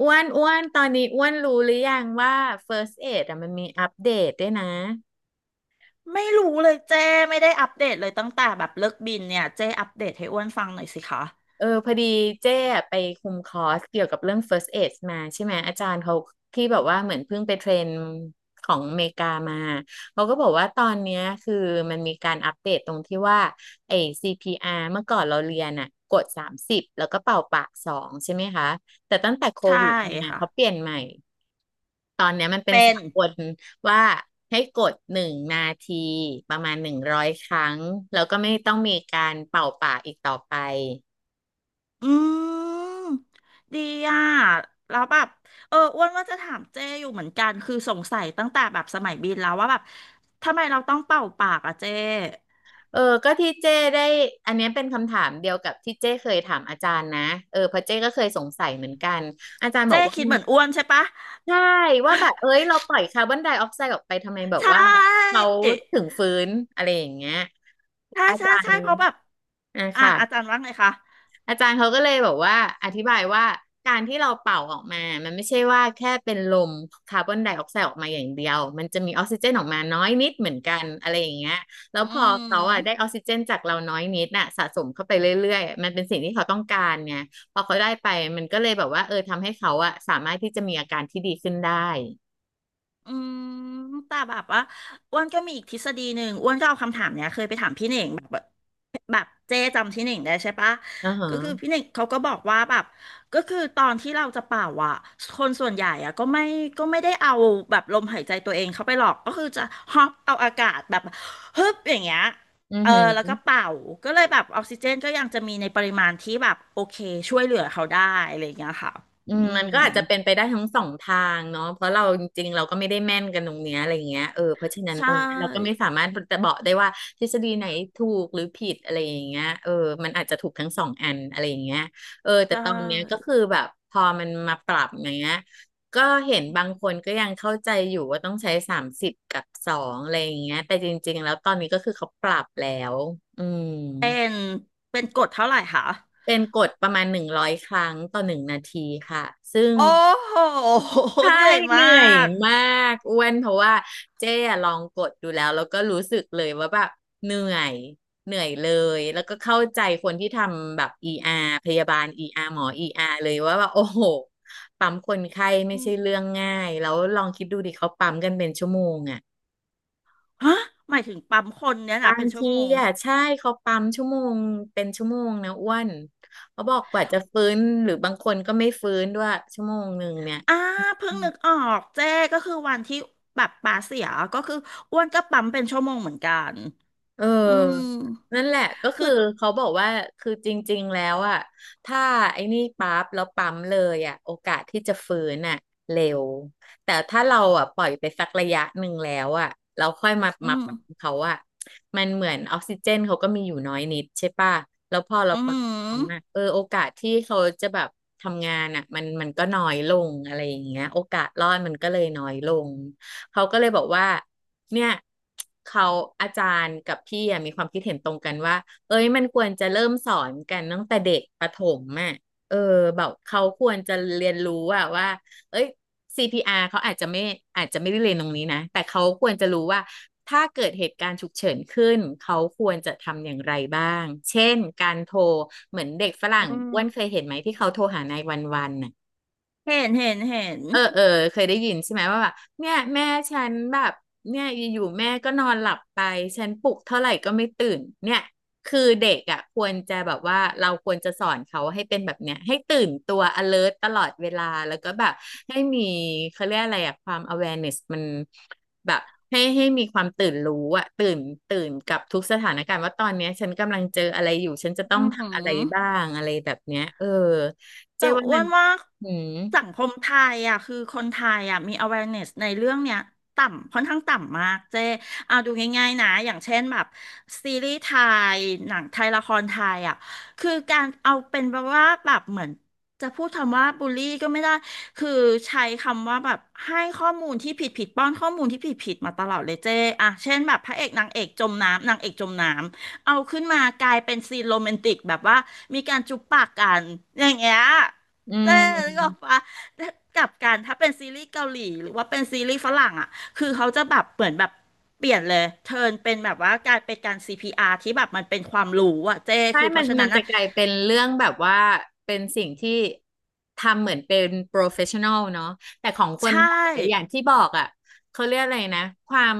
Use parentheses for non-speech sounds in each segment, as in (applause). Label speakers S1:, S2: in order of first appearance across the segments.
S1: อ้วนอ้วนตอนนี้อ้วนรู้หรือยังว่า First Aid อะมันมีอัปเดตด้วยนะ
S2: ไม่รู้เลยเจ้ไม่ได้อัปเดตเลยตั้งแต่แบบเลิกบินเนี่ยเจ้อัปเดตให้อ้วนฟังหน่อยสิคะ
S1: เออพอดีเจ้อะไปคุมคอร์สเกี่ยวกับเรื่อง First Aid มาใช่ไหมอาจารย์เขาที่แบบว่าเหมือนเพิ่งไปเทรนของอเมริกามาเขาก็บอกว่าตอนเนี้ยคือมันมีการอัปเดตตรงที่ว่าไอ้ CPR เมื่อก่อนเราเรียนอะกดสามสิบแล้วก็เป่าปากสองใช่ไหมคะแต่ตั้งแต่โค
S2: ใช่
S1: วิดมา
S2: ค่ะ
S1: เขาเปลี่ยนใหม่ ตอนเนี้ยมันเป็น
S2: เป็
S1: สา
S2: น
S1: กลว่าให้กดหนึ่งนาทีประมาณหนึ่งร้อยครั้งแล้วก็ไม่ต้องมีการเป่าปากอีกต่อไป
S2: อืมดีอ่ะแล้วแบบอ้วนว่าจะถามเจ้อยู่เหมือนกันคือสงสัยตั้งแต่แบบสมัยบินแล้วว่าแบบทำไมเราต้องเป่าปากอ่ะเจ้
S1: เออก็ที่เจ้ได้อันเนี้ยเป็นคำถามเดียวกับที่เจ้เคยถามอาจารย์นะเออเพราะเจ้ก็เคยสงสัยเหมือนกันอาจารย์บอก
S2: เจ้
S1: ว่า
S2: คิดเหมือนอ้วนใช่ปะ
S1: ใช่ว่าแบบเอ้ยเราปล่อยคาร์บอนไดออกไซด์ออกไปทำไมแบบ
S2: ใช่
S1: ว่าเขาถึงฟื้นอะไรอย่างเงี้ย
S2: ใช่
S1: อา
S2: ใช่
S1: จาร
S2: ใช่
S1: ย์
S2: เพราะแบบ
S1: อ่ะ
S2: อ่ะ
S1: ค่ะ
S2: อาจารย์ว่าไงคะ
S1: อาจารย์เขาก็เลยบอกว่าอธิบายว่าการที่เราเป่าออกมามันไม่ใช่ว่าแค่เป็นลมคาร์บอนไดออกไซด์ออกมาอย่างเดียว มันจะมีออกซิเจนออกมาน้อยนิดเหมือนกันอะไรอย่างเงี้ยแล้ว
S2: อื
S1: พอเขาอ่ะ
S2: ม
S1: ได้ออกซิเจนจากเราน้อยนิดน่ะสะสมเข้าไปเรื่อยๆมันเป็นสิ่งที่เขาต้องการเนี่ยพอเขาได้ไปมันก็เลยแบบว่าเออทำให้เขาอ่ะสามารถที่จะมีอาการที่ดีขึ้นได้
S2: อืมแต่แบบว่าอ้วนก็มีอีกทฤษฎีหนึ่งอ้วนก็เอาคำถามเนี้ยเคยไปถามพี่เหน่งแบบแบบเจ๊จำพี่เหน่งได้ใช่ปะ
S1: อือฮะ
S2: ก็คือพี่เหน่งเขาก็บอกว่าแบบก็คือตอนที่เราจะเป่าอ่ะคนส่วนใหญ่อ่ะก็ไม่ได้เอาแบบลมหายใจตัวเองเข้าไปหรอกก็คือจะฮอปเอาอากาศแบบฮึบอย่างเงี้ย
S1: ออือ
S2: เออ
S1: หื
S2: แล้ว
S1: อ
S2: ก็เป่าก็เลยแบบออกซิเจนก็ยังจะมีในปริมาณที่แบบโอเคช่วยเหลือเขาได้อะไรอย่างเงี้ยค่ะ
S1: อื
S2: อื
S1: มมัน
S2: ม
S1: ก็อาจจะเป็นไปได้ทั้งสองทางเนาะเพราะเราจริงๆเราก็ไม่ได้แม่นกันตรงเนี้ยอะไรเงี้ยเออเพราะฉะนั้น
S2: ใช่
S1: ตรงเนี้ยเราก็ไม่สามารถจะบอกได้ว่าทฤษฎีไหนถูกหรือผิดอะไรอย่างเงี้ยเออมันอาจจะถูกทั้งสองอันอะไรอย่างเงี้ยเออ
S2: ใช
S1: แต่ตอนเนี้ยก็
S2: ่
S1: คือแบบพอมันมาปรับอย่างเงี้ยก็เห็นบางคนก็ยังเข้าใจอยู่ว่าต้องใช้สามสิบกับสองอะไรอย่างเงี้ยแต่จริงๆแล้วตอนนี้ก็คือเขาปรับแล้วอืม
S2: เป็นเป็นกดเท่าไหร่คะ
S1: เป็นกฎประมาณ100 ครั้งต่อ 1 นาทีค่ะซึ่ง
S2: โอ้โห
S1: ใช่
S2: เหนื่อย
S1: เห
S2: มา
S1: นื่อย
S2: ก
S1: มากอ้วนเพราะว่าเจ๊อะลองกดดูแล้วแล้วก็รู้สึกเลยว่าแบบเหนื่อยเหนื่อยเลยแล้วก็เข้าใจคนที่ทำแบบ ER พยาบาล ER หมอ ER เลยว่าแบบโอ้โหปั๊มคนไข้ไม่
S2: อืม
S1: ใช่เรื่องง่ายแล้วลองคิดดูดิเขาปั๊มกันเป็นชั่วโมงอ่ะ
S2: ฮะหมายถึงปั๊มคนเนี่ย
S1: บา
S2: นะ
S1: ง
S2: เป็นชั่ว
S1: ที
S2: โมง
S1: อ่ะใช่เขาปั๊มชั่วโมงเป็นชั่วโมงนะอ้วนเขาบอกกว่าจะฟื้นหรือบางคนก็ไม่ฟื้นด้วยชั่วโมงหนึ่งเนี่ย
S2: อ่าเพิ่งนึกออกเจ้ก็คือวันที่แบบปลาเสียก็คืออ้วนก็ปั๊มเป็นชั่วโมงเหมือนกัน
S1: เอ
S2: อืม
S1: อ นั่นแหละก็คื
S2: คื
S1: อ
S2: อ
S1: เขาบอกว่าคือจริงๆแล้วอ่ะถ้าไอ้นี่ปั๊บแล้วปั๊มเลยอ่ะโอกาสที่จะฟื้นอ่ะเร็วแต่ถ้าเราอ่ะปล่อยไปสักระยะหนึ่งแล้วอ่ะ เราค่อยมา
S2: อื
S1: มา
S2: ม
S1: ปั๊มเขาอ่ะมันเหมือนออกซิเจนเขาก็มีอยู่น้อยนิดใช่ป่ะแล้วพอเรา
S2: อื
S1: ปั๊
S2: ม
S1: มอ่ะเออโอกาสที่เขาจะแบบทำงานอ่ะมันก็น้อยลงอะไรอย่างเงี้ยโอกาสรอดมันก็เลยน้อยลง เขาก็เลยบอกว่าเนี่ยเขาอาจารย์กับพี่มีความคิดเห็นตรงกันว่าเอ้ยมันควรจะเริ่มสอนกันตั้งแต่เด็กประถมอ่ะเออแบบเขาควรจะเรียนรู้อะว่าเอ้ย CPR เขาอาจจะไม่ได้เรียนตรงนี้นะแต่เขาควรจะรู้ว่าถ้าเกิดเหตุการณ์ฉุกเฉินขึ้นเขาควรจะทำอย่างไรบ้างเช่นการโทรเหมือนเด็กฝรั่
S2: อื
S1: งอ้วนเคย
S2: ม
S1: เห็นไหมที่เขาโทรหานายวันวันน่ะ
S2: เห็นเห็นเห็น
S1: เออเออเคยได้ยินใช่ไหมว่าแบบเนี่ยแม่ฉันแบบเนี่ยอยู่ๆแม่ก็นอนหลับไปฉันปลุกเท่าไหร่ก็ไม่ตื่นเนี่ยคือเด็กอ่ะควรจะแบบว่าเราควรจะสอนเขาให้เป็นแบบเนี้ยให้ตื่นตัว alert ตลอดเวลาแล้วก็แบบให้มีเขาเรียกอะไรอ่ะความ awareness มันแบบให้มีความตื่นรู้อ่ะตื่นกับทุกสถานการณ์ว่าตอนเนี้ยฉันกำลังเจออะไรอยู่ฉันจะต้อ
S2: อื
S1: งทำอะไรบ้า
S2: ม
S1: งอะไรแบบเนี้ยเออเจ๊
S2: แต่
S1: ว่า
S2: อ้
S1: มั
S2: ว
S1: น
S2: นว่า
S1: อืม
S2: สังคมไทยอ่ะคือคนไทยอ่ะมี awareness ในเรื่องเนี้ยต่ำค่อนข้างต่ำมากเจ๊เอาดูง่ายๆนะอย่างเช่นแบบซีรีส์ไทยหนังไทยละครไทยอ่ะคือการเอาเป็นแบบว่าแบบเหมือนจะพูดคำว่าบูลลี่ก็ไม่ได้คือใช้คำว่าแบบให้ข้อมูลที่ผิดผิดป้อนข้อมูลที่ผิดผิดมาตลอดเลยเจ๊อ่ะเช่นแบบพระเอกนางเอกจมน้ำนางเอกจมน้ำ เอาขึ้นมากลายเป็นซีนโรแมนติกแบบว่ามีการจุ๊บปากกันอย่างเงี้ย
S1: อื
S2: เจ๊
S1: ม
S2: นึกออกปะแกลับกันถ้าเป็นซีรีส์เกาหลีหรือว่าเป็นซีรีส์ฝรั่งอ่ะคือเขาจะแบบเหมือนแบบเปลี่ยนเลยเทิร์นเป็นแบบว่ากลายเป็นการซีพีอาร์ที่แบบมันเป็นความรู้อ่ะเจ๊
S1: ใช่
S2: คือเพ
S1: มัน
S2: ราะฉะ
S1: มั
S2: นั้
S1: น
S2: น
S1: จะ
S2: อ่ะ
S1: กลายเป็นเรื่องแบบว่า เป็นสิ่งที่ทำเหมือนเป็น professional เนาะแต่ของคน
S2: ใช่
S1: ไทยอย่างที่บอกอ่ะเขาเรียกอะไรนะ ความ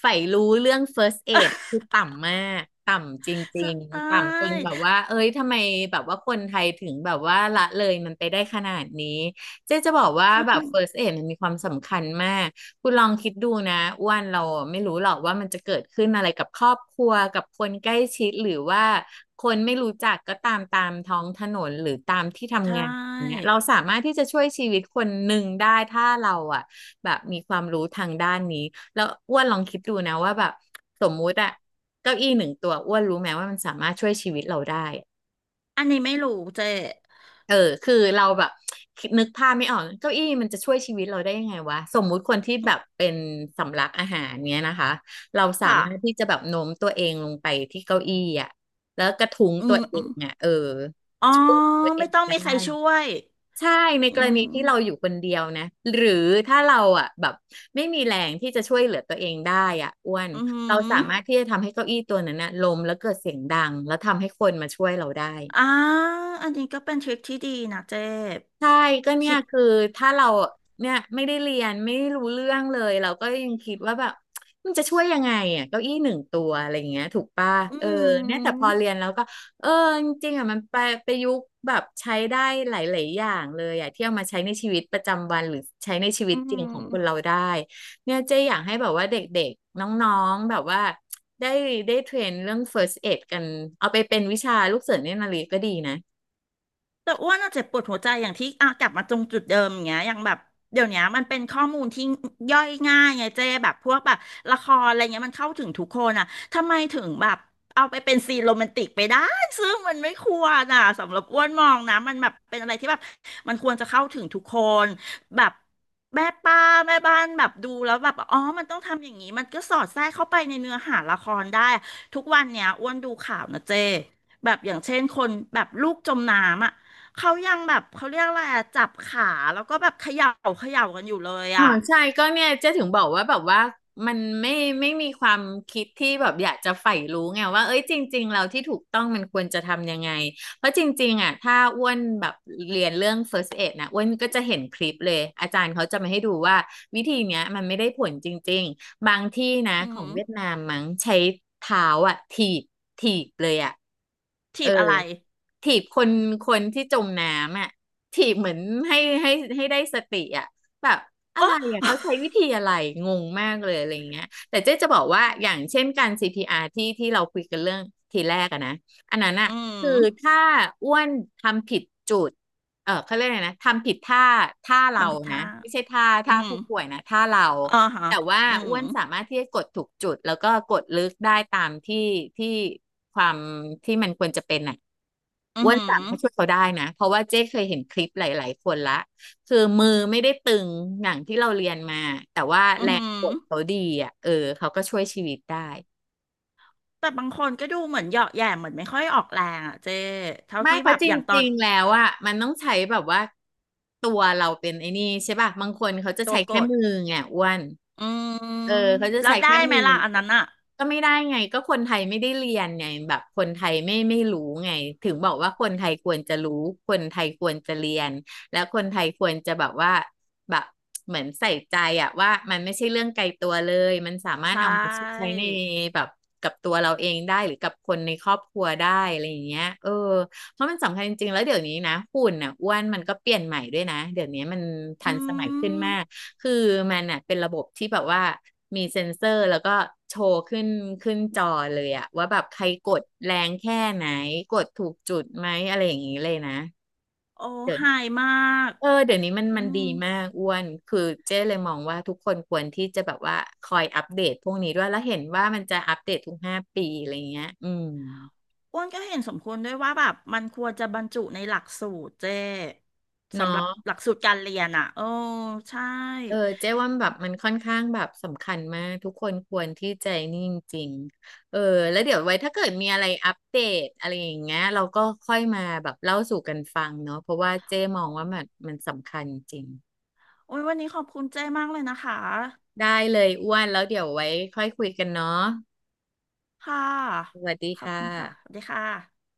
S1: ใฝ่รู้เรื่อง first aid
S2: (laughs)
S1: คือต่ำมาก ต่ำจ
S2: ใช
S1: ริงๆ
S2: ่
S1: ต่ำจนแบบว่า เอ้ยทำไมแบบว่าคนไทยถึงแบบว่าละเลยมันไปได้ขนาดนี้เจ๊จะบอกว่า
S2: ใช่
S1: แบบ first aid มันมีความสำคัญมาก คุณลองคิดดูนะอ้วนเราไม่รู้หรอกว่ามันจะเกิดขึ้นอะไรกับครอบครัวกับคนใกล้ชิดหรือว่าคนไม่รู้จักก็ตามท้องถนนหรือตามที่
S2: ใช
S1: ทำงานอย่างเงี้ย
S2: ่
S1: เราสามารถที่จะช่วยชีวิตคนหนึ่งได้ถ้าเราอ่ะแบบมีความรู้ทางด้านนี้แล้วอ้วนลองคิดดูนะว่าแบบสมมุติอะเก้าอี้หนึ่งตัวอ้วนรู้ไหมว่ามันสามารถช่วยชีวิตเราได้
S2: อันนี้ไม่รู้เจ๊
S1: เออคือเราแบบนึกภาพไม่ออกเก้าอี้มันจะช่วยชีวิตเราได้ยังไงวะสมมุติคนที่แบบเป็นสำลักอาหารเนี้ยนะคะเราสา
S2: ค่ะ
S1: มารถที่จะแบบโน้มตัวเองลงไปที่เก้าอี้อ่ะแล้วกระทุ้ง
S2: อื
S1: ตัว
S2: ม
S1: เอ
S2: อม
S1: งอ่ะเออ
S2: อ๋อ
S1: ช่วยตัวเอ
S2: ไม่
S1: ง
S2: ต้องมีใค
S1: ได้
S2: รช่วย
S1: ใช่ ใน
S2: อื
S1: กรณี
S2: ม
S1: ที่เราอยู่คนเดียวนะ หรือถ้าเราอ่ะแบบไม่มีแรงที่จะช่วยเหลือตัวเองได้อ่ะอ้วน
S2: อื
S1: เราสามารถ
S2: ม
S1: ที่จะทำให้เก้าอี้ตัวนั้นนะล้มแล้วเกิดเสียงดังแล้วทำให้คนมาช่วยเราได้
S2: อ่าอันนี้ก็เป็นทริคที่ดีนะเจ๊
S1: ใช่ก็เนี่ย
S2: คิด
S1: คือถ้าเราเนี่ยไม่ได้เรียนไม่รู้เรื่องเลยเราก็ยังคิดว่าแบบมันจะช่วยยังไงอ่ะเก้าอี้หนึ่งตัวอะไรอย่างเงี้ยถูกป่ะ
S2: อื
S1: เออเนี่ยแต่พอ
S2: ม
S1: เรียนแล้วก็เออจริงๆอ่ะมันไปประยุกต์แบบใช้ได้หลายๆอย่างเลยอ่ะที่เอามาใช้ในชีวิตประจำวันหรือใช้ในชีวิ
S2: อื
S1: ตจริงของคนเรา
S2: ม
S1: ได้เนี่ยเจ๊อยากให้แบบว่าเด็กๆน้องๆแบบว่าได้ได้เทรนเรื่อง first aid กันเอาไปเป็นวิชาลูกเสือเนตรนารีก็ดีนะ
S2: แต่อ้วนอะเจ็บปวดหัวใจอย่างที่อ่ะกลับมาตรงจุดเดิมอย่างเงี้ยอย่างแบบเดี๋ยวเนี้ยมันเป็นข้อมูลที่ย่อยง่ายไงเจ๊แบบพวกแบบละครอะไรเงี้ยมันเข้าถึงทุกคนอะทำไมถึงแบบเอาไปเป็นซีนโรแมนติกไปได้ซึ่งมันไม่ควรอะสำหรับอ้วนมองนะมันแบบเป็นอะไรที่แบบมันควรจะเข้าถึงทุกคนแบบแม่ป้าแม่บ้านแบบดูแล้วแบบอ๋อมันต้องทำอย่างนี้มันก็สอดแทรกเข้าไปในเนื้อหาละครได้ทุกวันเนี้ยอ้วนดูข่าวนะเจ๊แบบอย่างเช่นคนแบบลูกจมน้ำอ่ะ เขายังแบบเขาเรียกอะไรอะจับขาแล้วก็แบบเขย่ากันอยู่เลย
S1: อ๋อ
S2: อะ
S1: ใช่ก็เนี่ยเจ๊ถึงบอกว่าแบบว่ามันไม่มีความคิดที่แบบอยากจะใฝ่รู้ไงว่าเอ้ยจริงๆเราที่ถูกต้องมันควรจะทำยังไงเพราะจริงๆอ่ะถ้าอ้วนแบบเรียนเรื่อง first aid นะอ้วนก็จะเห็นคลิปเลยอาจารย์เขาจะมาให้ดูว่าวิธีเนี้ยมันไม่ได้ผลจริงๆบางที่นะ
S2: อื
S1: ของ
S2: ม
S1: เวียดนามมั้งใช้เท้าอ่ะถีบเลยอ่ะเอ
S2: ถีบอะไร
S1: อถีบคนคนที่จมน้ำอ่ะถีบเหมือนให้ให้ให้ได้สติอ่ะแบบ อะ
S2: โอ้
S1: ไรอ่ะเขาใช้วิธีอะไรงงมากเลยอะไรอย่างเงี้ยแต่เจ๊จะบอกว่าอย่างเช่นการ CPR ที่เราคุยกันเรื่องทีแรกอะนะอันนั้นอะ
S2: อื
S1: คือ
S2: ม
S1: ถ้าอ้วนทำผิดจุดเออเขาเรียกอะไรนะทำผิดท่าท่าเรา
S2: ทำผิด
S1: นะ
S2: ท่า
S1: ไม่ใช่ท่า
S2: อื
S1: ท่า
S2: ม
S1: ผู้ป่วยนะท่าเรา
S2: อ่าฮะ
S1: แต่ว่า
S2: อื
S1: อ้
S2: ม
S1: วนสามารถที่จะกดถูกจุดแล้วก็กดลึกได้ตามที่ที่ความที่มันควรจะเป็นอ่ะ
S2: อื
S1: อ้วนสา
S2: ม
S1: มารถช่วยเขาได้นะเพราะว่าเจ๊เคยเห็นคลิปหลายๆคนละ คือมือไม่ได้ตึงอย่างที่เราเรียนมาแต่ว่า
S2: อื
S1: แรงกด
S2: ม
S1: เขาดีอ่ะเออเขาก็ช่วยชีวิตได้
S2: แต่บางคนก็ดูเหมือนเหยาะแหย่เหมือนไม่ค่อยออกแรงอะเจ๊เท่า
S1: ไม่
S2: ที่
S1: เพ
S2: แบ
S1: ราะ
S2: บ
S1: จ
S2: อย่างตอ
S1: ริ
S2: น
S1: งๆแล้วอ่ะมันต้องใช้แบบว่าตัวเราเป็นไอ้นี่ใช่ป่ะบางคนเขาจะ
S2: ตั
S1: ใช้
S2: วก
S1: แค่
S2: ด
S1: มือไงอ้วน
S2: อืม
S1: เออเขาจะ
S2: แล้ว
S1: ใช้
S2: ได้
S1: แค่
S2: ไห
S1: มื
S2: ม
S1: อ
S2: ล่ะอันนั้นอะ
S1: ก็ไม่ได้ไงก็คนไทยไม่ได้เรียนไงแบบคนไทยไม่รู้ไงถึงบอกว่าคนไทยควรจะรู้คนไทยควรจะเรียนแล้วคนไทยควรจะแบบว่าแบบเหมือนใส่ใจอะว่ามันไม่ใช่เรื่องไกลตัวเลยมันสามารถ
S2: ใช่
S1: เอามาใช้ในแบบกับตัวเราเองได้หรือกับคนในครอบครัวได้อะไรอย่างเงี้ยเออเพราะมันสำคัญจริงๆแล้วเดี๋ยวนี้นะหุ่นอ่ะอ้วนมันก็เปลี่ยนใหม่ด้วยนะเดี๋ยวนี้มันทั
S2: อื
S1: นสมัยขึ้น
S2: ม
S1: มาก คือมันอ่ะเป็นระบบที่แบบว่ามีเซ็นเซอร์แล้วก็โชว์ขึ้นจอเลยอะว่าแบบใครกดแรงแค่ไหนกดถูกจุดไหมอะไรอย่างนี้เลยนะ
S2: โอ้
S1: เดี๋ย
S2: หา
S1: ว
S2: ยมาก
S1: เออเดี๋ยวนี้มัน
S2: อื
S1: มัน
S2: ม
S1: ดีมากอ้วนคือเจ๊เลยมองว่าทุกคนควรที่จะแบบว่าคอยอัปเดตพวกนี้ด้วยแล้วเห็นว่ามันจะอัปเดตทุก5 ปีอะไรเงี้ยอืม
S2: อ้วนก็เห็นสมควรด้วยว่าแบบมันควรจะบรรจุในหลักสูตรเจ้
S1: เนาะ
S2: สำหรับหลักสูตรการเรียนอ่ะโอ้ใช่
S1: เออเจ๊ว่าแบบมันค่อนข้างแบบสำคัญมากทุกคนควรที่ใจนิ่งจริงๆเออแล้วเดี๋ยวไว้ถ้าเกิดมีอะไรอัปเดตอะไรอย่างเงี้ยเราก็ค่อยมาแบบเล่าสู่กันฟังเนาะเพราะว่าเจ๊มองว่ามันสำคัญจริง
S2: โอ้ยวันนี้ขอบคุณเจ้มากเลยนะคะ
S1: ได้เลยอ้วนแล้วเดี๋ยวไว้ค่อยคุยกันเนาะ
S2: ค่ะ
S1: สวัสดี
S2: ขอบ
S1: ค่
S2: คุณค่ะสวั
S1: ะ
S2: สดีค่ะ